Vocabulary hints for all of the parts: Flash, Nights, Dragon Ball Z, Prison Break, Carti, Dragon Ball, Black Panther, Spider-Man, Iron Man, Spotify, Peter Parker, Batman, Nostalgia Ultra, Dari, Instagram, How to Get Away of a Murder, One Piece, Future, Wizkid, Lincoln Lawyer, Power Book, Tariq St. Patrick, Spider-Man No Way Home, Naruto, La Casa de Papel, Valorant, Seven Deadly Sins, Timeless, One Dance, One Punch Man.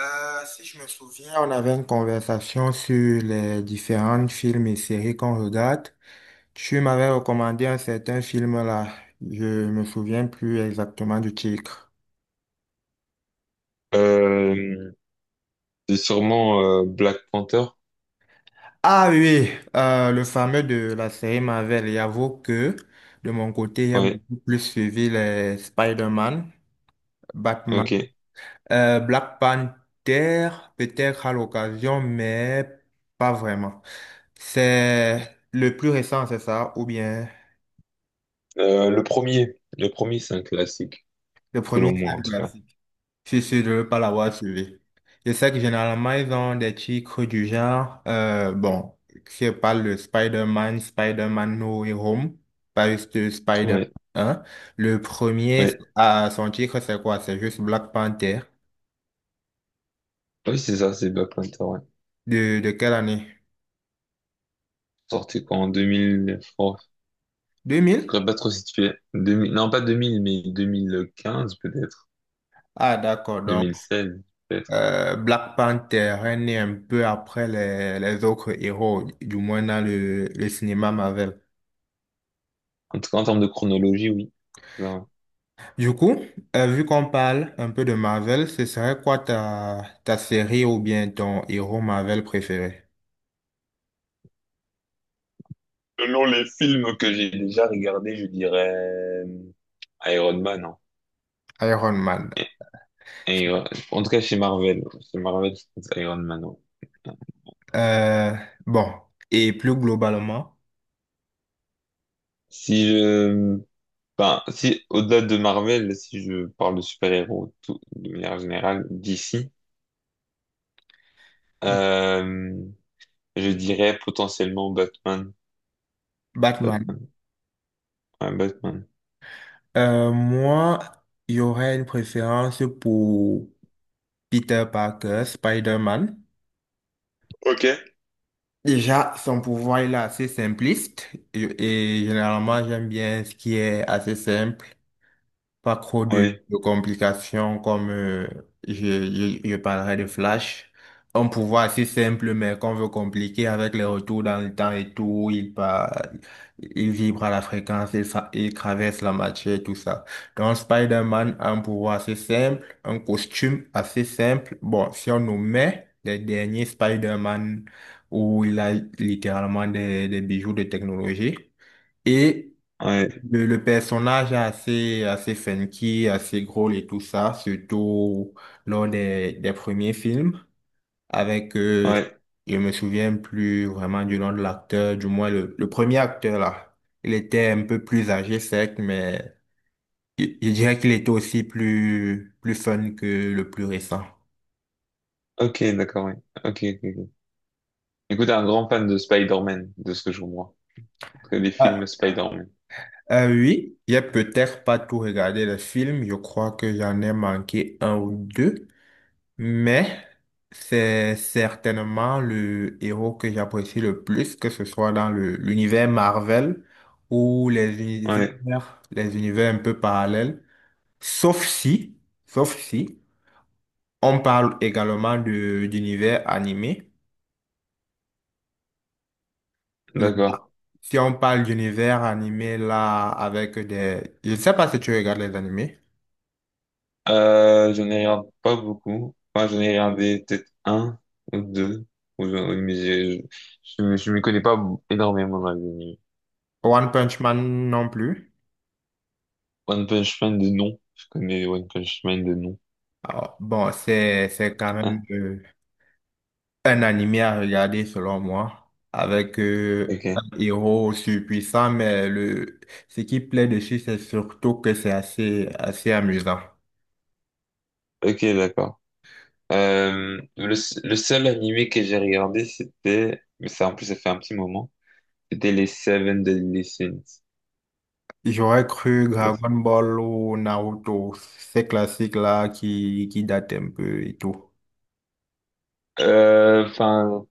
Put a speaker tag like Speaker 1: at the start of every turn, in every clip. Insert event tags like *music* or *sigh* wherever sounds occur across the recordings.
Speaker 1: Si je me souviens, on avait une conversation sur les différents films et séries qu'on regarde. Tu m'avais recommandé un certain film là. Je me souviens plus exactement du titre.
Speaker 2: Euh, c'est sûrement Black Panther.
Speaker 1: Ah oui, oui, le fameux de la série Marvel. Et j'avoue que de mon côté, j'ai
Speaker 2: Ouais,
Speaker 1: beaucoup plus suivi les Spider-Man,
Speaker 2: ok.
Speaker 1: Batman, Black Panther, peut-être à l'occasion, mais pas vraiment. C'est le plus récent, c'est ça, ou bien...
Speaker 2: Le premier, le premier, c'est un classique,
Speaker 1: Le premier,
Speaker 2: selon moi
Speaker 1: c'est
Speaker 2: en
Speaker 1: un
Speaker 2: tout cas.
Speaker 1: classique. C'est sûr, je ne veux pas l'avoir suivi. Je sais que généralement, ils ont des titres du genre, bon, je parle de Spider-Man, Spider-Man No Way Home, pas juste de Spider-Man
Speaker 2: Ouais,
Speaker 1: 1. Le premier,
Speaker 2: ouais.
Speaker 1: ah, son titre, c'est quoi? C'est juste Black Panther.
Speaker 2: Oui, c'est ça, c'est Black Panther, ouais.
Speaker 1: De quelle année?
Speaker 2: Sorti quoi en 2000, oh,
Speaker 1: deux
Speaker 2: je
Speaker 1: mille
Speaker 2: serais pas trop situé. Deux mille non, pas 2000 mais 2015 peut-être,
Speaker 1: Ah, d'accord.
Speaker 2: deux
Speaker 1: Donc,
Speaker 2: mille seize peut-être.
Speaker 1: Black Panther est né un peu après les autres héros, du moins dans le cinéma Marvel.
Speaker 2: En tout cas, en termes de chronologie, oui. Ouais.
Speaker 1: Du coup, vu qu'on parle un peu de Marvel, ce serait quoi ta série ou bien ton héros Marvel préféré?
Speaker 2: Selon les films que j'ai déjà regardés, je dirais euh, Iron Man, hein.
Speaker 1: Iron Man.
Speaker 2: Iron- En tout cas, chez Marvel, je pense Iron Man, ouais.
Speaker 1: Euh, bon, et plus globalement,
Speaker 2: Si je, enfin, si au-delà de Marvel, si je parle de super-héros de manière générale, d'ici, euh, je dirais potentiellement Batman.
Speaker 1: Batman.
Speaker 2: Batman. Ouais, Batman.
Speaker 1: Moi, il y aurait une préférence pour Peter Parker, Spider-Man.
Speaker 2: Ok.
Speaker 1: Déjà, son pouvoir il est assez simpliste et généralement, j'aime bien ce qui est assez simple. Pas trop de,
Speaker 2: Oui,
Speaker 1: de complications comme je, je parlerai de Flash. Un pouvoir assez simple, mais qu'on veut compliquer avec les retours dans le temps et tout. Il part, il vibre à la fréquence, il traverse la matière et tout ça. Donc Spider-Man a un pouvoir assez simple, un costume assez simple. Bon, si on nous met les derniers Spider-Man où il a littéralement des bijoux de technologie. Et
Speaker 2: ouais,
Speaker 1: le personnage est assez funky, assez drôle et tout ça, surtout lors des premiers films. Avec,
Speaker 2: ouais.
Speaker 1: je me souviens plus vraiment du nom de l'acteur, du moins le premier acteur là. Il était un peu plus âgé, certes, mais je dirais qu'il était aussi plus fun que le plus récent.
Speaker 2: Ok, d'accord, oui. Ok, ok, ok. Écoute, un grand fan de Spider-Man, de ce que je comprends. En tout cas, des films
Speaker 1: Ah,
Speaker 2: Spider-Man.
Speaker 1: oui, j'ai peut-être pas tout regardé le film, je crois que j'en ai manqué un ou deux. Mais c'est certainement le héros que j'apprécie le plus, que ce soit l'univers Marvel ou les
Speaker 2: Ouais,
Speaker 1: univers, les univers un peu parallèles. Sauf si, sauf si, on parle également de d'univers animé.
Speaker 2: d'accord.
Speaker 1: Si on parle d'univers animé là avec des... Je ne sais pas si tu regardes les animés.
Speaker 2: Je n'ai regarde pas beaucoup. Enfin, j'en ai regardé peut-être un ou deux. Oui, mais je m'y connais pas énormément dans les animés.
Speaker 1: One Punch Man non plus.
Speaker 2: One Punch Man de nom. Je connais One Punch Man de nom.
Speaker 1: Alors, bon, c'est
Speaker 2: Ah,
Speaker 1: un animé à regarder selon moi, avec un
Speaker 2: ok.
Speaker 1: héros surpuissant, mais le ce qui plaît dessus, c'est surtout que c'est assez amusant.
Speaker 2: Ok, d'accord. Le seul animé que j'ai regardé, c'était, mais ça, en plus, ça fait un petit moment. C'était les Seven Deadly Sins.
Speaker 1: J'aurais cru Dragon Ball ou Naruto, ces classiques-là qui datent un peu et tout.
Speaker 2: Euh, enfin,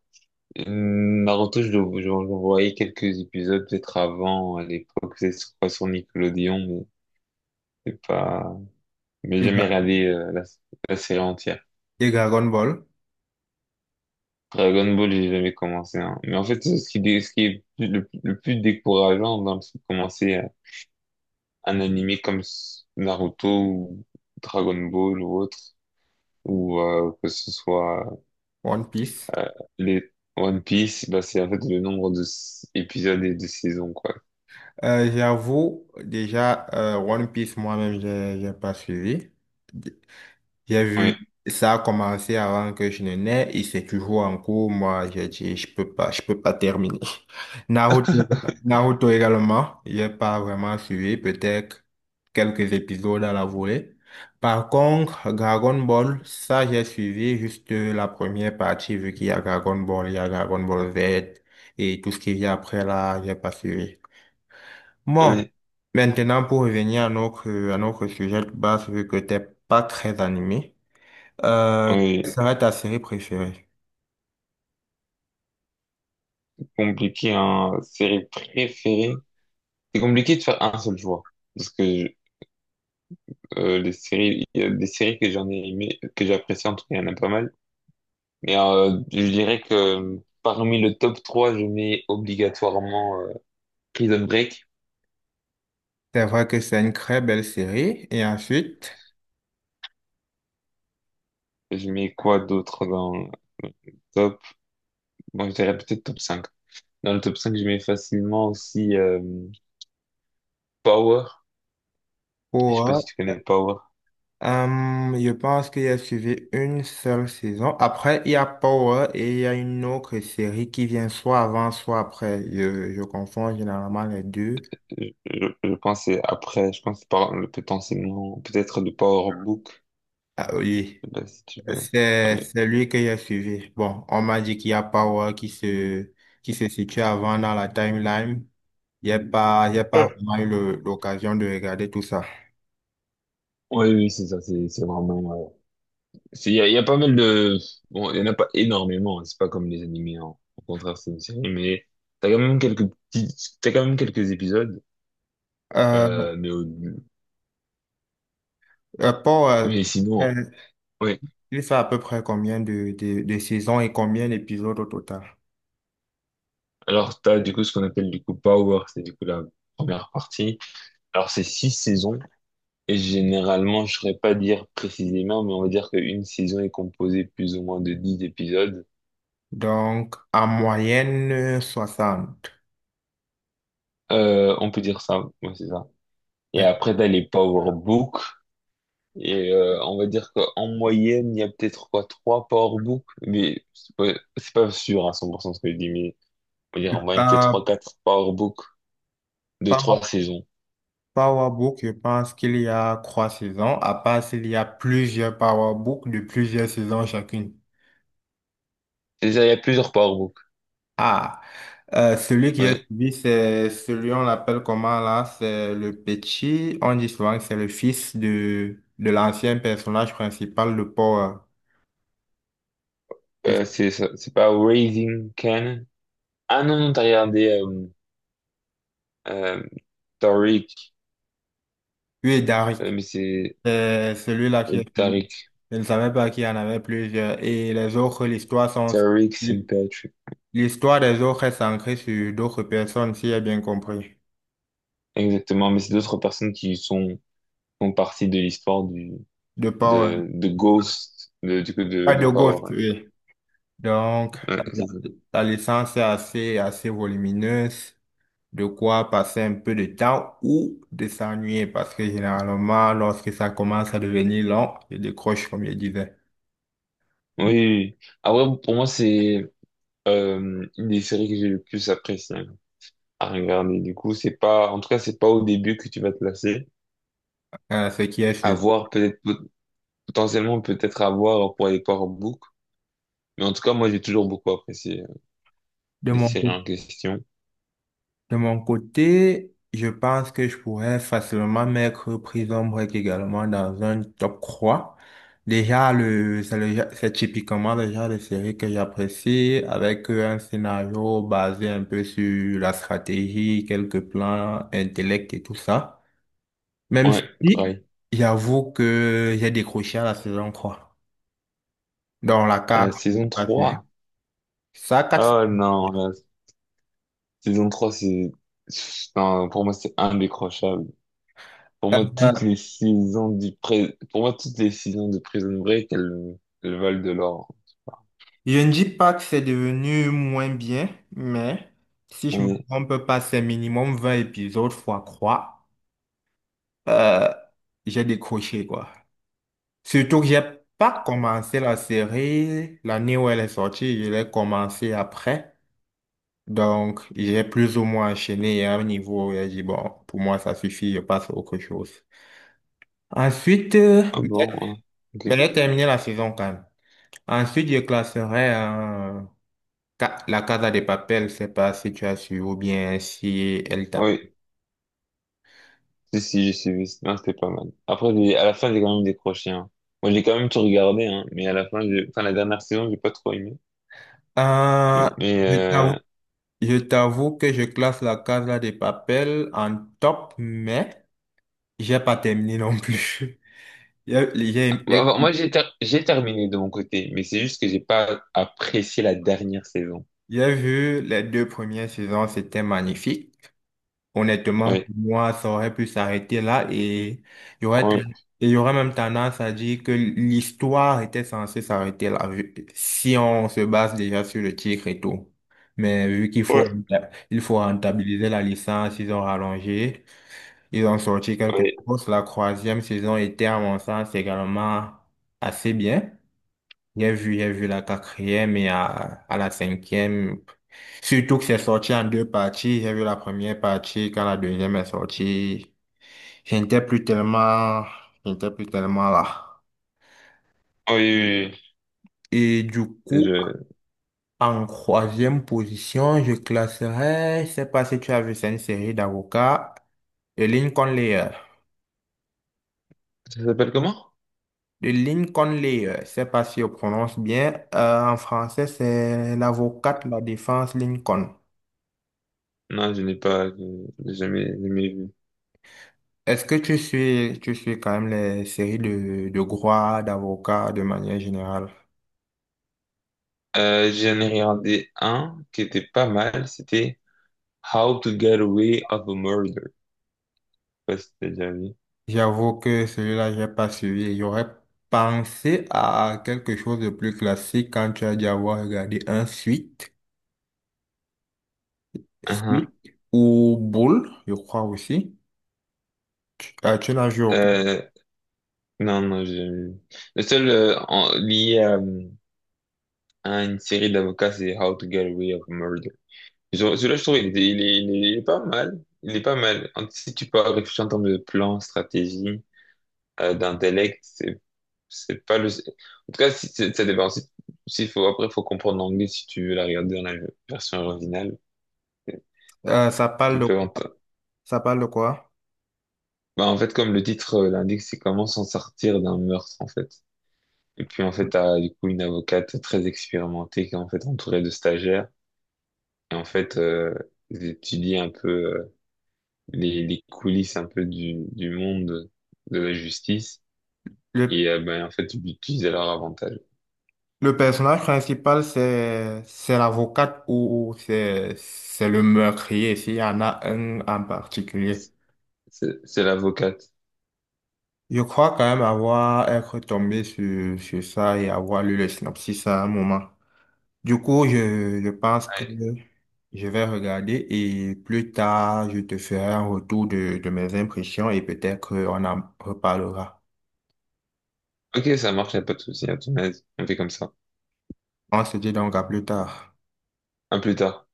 Speaker 2: Naruto, j'en voyais quelques épisodes peut-être avant, à l'époque, c'est sur quoi, sur Nickelodeon, mais c'est pas... Mais j'ai
Speaker 1: Et,
Speaker 2: jamais
Speaker 1: Dra-
Speaker 2: regardé la série entière.
Speaker 1: et Dragon Ball,
Speaker 2: Dragon Ball, j'ai jamais commencé, hein. Mais en fait, ce qui, ce qui est le plus décourageant dans le fait de commencer un animé comme Naruto ou Dragon Ball ou autre, ou que ce soit
Speaker 1: One Piece.
Speaker 2: euh, les One Piece, bah, c'est en fait le nombre de épisodes et de saisons, quoi.
Speaker 1: J'avoue, déjà, One Piece, moi-même, j'ai pas suivi. J'ai
Speaker 2: Ouais.
Speaker 1: vu, ça a commencé avant que je ne naisse et c'est toujours en cours. Moi, j'ai dit, je peux pas terminer. *laughs* Naruto,
Speaker 2: *laughs*
Speaker 1: Naruto également, j'ai pas vraiment suivi, peut-être quelques épisodes à la volée. Par contre, Dragon Ball, ça j'ai suivi juste la première partie, vu qu'il y a Dragon Ball, il y a Dragon Ball Z et tout ce qu'il y a après là, j'ai pas suivi. Bon,
Speaker 2: Oui,
Speaker 1: maintenant pour revenir à notre sujet de base, vu que t'es pas très animé. Euh, Quelle
Speaker 2: oui.
Speaker 1: serait ta série préférée?
Speaker 2: Compliqué, hein. Série préférée. C'est compliqué de faire un seul choix. Parce que je- les séries, il y a des séries que j'en ai aimé, que j'apprécie, en tout cas, il y en a pas mal. Mais je dirais que parmi le top 3 je mets obligatoirement Prison Break.
Speaker 1: C'est vrai que c'est une très belle série. Et ensuite,
Speaker 2: Je mets quoi d'autre dans le top? Moi, je dirais peut-être top cinq. Dans le top 5 je mets facilement aussi Power. Je sais pas si
Speaker 1: Power,
Speaker 2: tu connais Power.
Speaker 1: je pense qu'il y a suivi une seule saison. Après, il y a Power et il y a une autre série qui vient soit avant, soit après. Je confonds généralement les deux.
Speaker 2: Je, je pense que c'est après, je pense que c'est potentiellement peut-être de Power Book.
Speaker 1: Ah oui,
Speaker 2: Bah, si tu veux.
Speaker 1: c'est
Speaker 2: Ouais.
Speaker 1: c'est lui que j'ai suivi. Bon, on m'a dit qu'il y a Power qui se situe avant dans la timeline. Il y a pas
Speaker 2: Ouais.
Speaker 1: vraiment eu l'occasion de regarder tout ça.
Speaker 2: Ouais, oui, c'est ça, c'est vraiment... il y a pas mal de... Bon, il y en a pas énormément, hein, c'est pas comme les animés, hein. Au contraire, c'est une série, mais t'as quand même quelques petits... T'as quand même quelques épisodes,
Speaker 1: Euh,
Speaker 2: euh, mais, au-
Speaker 1: Rapport à- euh,
Speaker 2: mais sinon...
Speaker 1: euh,
Speaker 2: Ouais.
Speaker 1: il fait à peu près combien de saisons et combien d'épisodes au total?
Speaker 2: Alors, t'as du coup ce qu'on appelle du coup Power, c'est du coup la première partie. Alors, c'est six saisons, et généralement, je saurais pas dire précisément, mais on va dire qu'une saison est composée plus ou moins de dix épisodes.
Speaker 1: Donc, en moyenne, 60.
Speaker 2: On peut dire ça, ouais, c'est ça. Et
Speaker 1: Euh,
Speaker 2: après, t'as les power books. Et on va dire qu'en moyenne, il y a peut-être quoi, trois power books. Mais c'est pas sûr à 100% ce que je dis, mais on va dire en moyenne, peut-être trois, quatre power books de
Speaker 1: Power
Speaker 2: trois saisons.
Speaker 1: Power Book, je pense qu'il y a trois saisons, à part s'il y a plusieurs Power Book de plusieurs saisons chacune.
Speaker 2: Déjà, il y a plusieurs power books.
Speaker 1: Ah, celui qui est
Speaker 2: Oui.
Speaker 1: suivi, c'est celui, on l'appelle comment là? C'est le petit, on dit souvent que c'est le fils de l'ancien personnage principal de Power. Et-
Speaker 2: C'est c'est pas Raising Can. Ah non, non, t'as regardé euh, Tariq,
Speaker 1: Oui, Dari.
Speaker 2: euh, mais c'est
Speaker 1: C'est celui-là qui
Speaker 2: euh,
Speaker 1: est suivi.
Speaker 2: Tariq,
Speaker 1: Je ne savais pas qu'il y en avait plusieurs. Et les autres, l'histoire sont...
Speaker 2: Tariq St. Patrick.
Speaker 1: L'histoire des autres est centrée sur d'autres personnes, si j'ai bien compris.
Speaker 2: Exactement, mais c'est d'autres personnes qui sont, font partie de l'histoire du
Speaker 1: De Power.
Speaker 2: de Ghost, de, du coup,
Speaker 1: Pas
Speaker 2: de
Speaker 1: de Ghost,
Speaker 2: Power.
Speaker 1: oui. Donc,
Speaker 2: Ouais,
Speaker 1: la,
Speaker 2: c'est ça.
Speaker 1: la licence est assez volumineuse. De quoi passer un peu de temps ou de s'ennuyer. Parce que généralement, lorsque ça commence à devenir long, je décroche, comme je disais.
Speaker 2: Oui, oui, oui. Ah ouais pour moi, c'est une des séries que j'ai le plus apprécié à regarder. Du coup, c'est pas, en tout cas, c'est pas au début que tu vas te lasser.
Speaker 1: Ce qui est
Speaker 2: À
Speaker 1: sûr.
Speaker 2: voir, peut-être, potentiellement, peut-être à voir pour les Power book. Mais en tout cas, moi, j'ai toujours beaucoup apprécié
Speaker 1: De
Speaker 2: les
Speaker 1: mon
Speaker 2: séries
Speaker 1: côté,
Speaker 2: en question.
Speaker 1: De mon côté, je pense que je pourrais facilement mettre Prison Break également dans un top 3. Déjà, c'est typiquement le genre de série que j'apprécie avec un scénario basé un peu sur la stratégie, quelques plans, intellect et tout ça. Même
Speaker 2: Ouais,
Speaker 1: si,
Speaker 2: pareil.
Speaker 1: j'avoue que j'ai décroché à la saison 3. Dans la
Speaker 2: À
Speaker 1: 4,
Speaker 2: la
Speaker 1: je n'ai
Speaker 2: saison
Speaker 1: pas suivi.
Speaker 2: trois.
Speaker 1: Ça, 4,
Speaker 2: Oh non, la saison 3 c'est, non, pour moi, c'est indécrochable. Pour moi, toutes les saisons de Prison Break, elles valent de l'or.
Speaker 1: je ne dis pas que c'est devenu moins bien, mais si je me
Speaker 2: Ouais.
Speaker 1: trompe pas, c'est minimum 20 épisodes fois 3. Euh, j'ai décroché, quoi. Surtout que j'ai pas commencé la série l'année où elle est sortie, je l'ai commencé après. Donc, j'ai plus ou moins enchaîné à un niveau où j'ai dit, bon, pour moi, ça suffit, je passe à autre chose. Ensuite,
Speaker 2: Ah
Speaker 1: mais j'ai
Speaker 2: bon, ouais.
Speaker 1: mais
Speaker 2: Ok.
Speaker 1: j'ai terminé la saison quand même. Ensuite, je classerai La Casa de Papel, c'est pas si tu as su ou bien si elle
Speaker 2: Ah
Speaker 1: t'a...
Speaker 2: oui. Si, si, j'ai suivi. Non, c'était pas mal. Après, à la fin, j'ai quand même décroché, hein. Moi, j'ai quand même tout regardé, hein. Mais à la fin, enfin, la dernière saison, j'ai pas trop aimé.
Speaker 1: Ah,
Speaker 2: Mais,
Speaker 1: je t'avoue je t'avoue que je classe la Casa de Papel en top, mais j'ai pas terminé non plus. *laughs* J'ai j'ai-
Speaker 2: bah, moi,
Speaker 1: j'ai-
Speaker 2: j'ai terminé de mon côté. Mais c'est juste que j'ai pas apprécié la dernière saison.
Speaker 1: j'ai vu les deux premières saisons, c'était magnifique. Honnêtement, pour
Speaker 2: Oui.
Speaker 1: moi, ça aurait pu s'arrêter là et il y aurait,
Speaker 2: Oui.
Speaker 1: et il y aurait même tendance à dire que l'histoire était censée s'arrêter là, si on se base déjà sur le titre et tout. Mais vu qu'il faut,
Speaker 2: Oui.
Speaker 1: renta- il faut rentabiliser la licence, ils ont rallongé, ils ont sorti quelque
Speaker 2: Oui. Oui.
Speaker 1: chose. La troisième saison était, à mon sens, également assez bien. J'ai vu la quatrième et à la cinquième. Surtout que c'est sorti en deux parties. J'ai vu la première partie quand la deuxième est sortie. J'étais plus tellement, j'étais plus tellement là.
Speaker 2: Oui,
Speaker 1: Et du
Speaker 2: oui.
Speaker 1: coup,
Speaker 2: Je...
Speaker 1: en troisième position, je classerais, je sais pas si tu as vu, c'est une série d'avocats, de Lincoln Lawyer.
Speaker 2: Ça s'appelle comment?
Speaker 1: De Lincoln Lawyer, je sais pas si on prononce bien. En français, c'est l'avocate de la défense Lincoln.
Speaker 2: Non, je n'ai pas, je n'ai jamais, jamais vu.
Speaker 1: Est-ce que tu suis quand même les séries de droit, d'avocats de manière générale?
Speaker 2: J'en ai regardé un qui était pas mal, c'était How to Get Away of a Murder. Je sais pas si t'as déjà vu.
Speaker 1: J'avoue que celui-là, j'ai pas suivi. J'aurais pensé à quelque chose de plus classique quand tu as dû avoir regardé un suite,
Speaker 2: Uhum.
Speaker 1: suite ou boule, je crois aussi. Tu n'as joué aucun.
Speaker 2: Euh, non, non, j'ai jamais vu. Lié à une série d'avocats, c'est How to Get Away of a Murder. Celui-là, je trouve, il est pas mal. Il est pas mal. Si tu peux réfléchir en termes de plan, stratégie, d'intellect, c'est pas le... En tout cas, si, ça dépend. Si, si faut, après, faut comprendre l'anglais si tu veux la regarder dans la version originale.
Speaker 1: Euh, ça parle
Speaker 2: Il
Speaker 1: de,
Speaker 2: peut en...
Speaker 1: ça parle de quoi?
Speaker 2: Bah, en fait, comme le titre l'indique, c'est comment s'en sortir d'un meurtre, en fait. Et puis, en fait, t'as du coup une avocate très expérimentée qui est en fait entourée de stagiaires. Et en fait, ils étudient un peu les coulisses un peu du monde de la justice.
Speaker 1: Le,
Speaker 2: Et ben, en fait, ils l'utilisent à leur avantage.
Speaker 1: le personnage principal, c'est l'avocate ou c'est le meurtrier, s'il y en a un en particulier.
Speaker 2: C'est c'est l'avocate.
Speaker 1: Je crois quand même avoir être tombé sur ça et avoir lu le synopsis à un moment. Du coup, je pense que
Speaker 2: Ouais.
Speaker 1: je vais regarder et plus tard, je te ferai un retour de mes impressions et peut-être qu'on en reparlera.
Speaker 2: Ok, ça marche, y a pas de souci, à ton aise. On fait comme ça.
Speaker 1: On se dit donc à plus tard.
Speaker 2: À plus tard.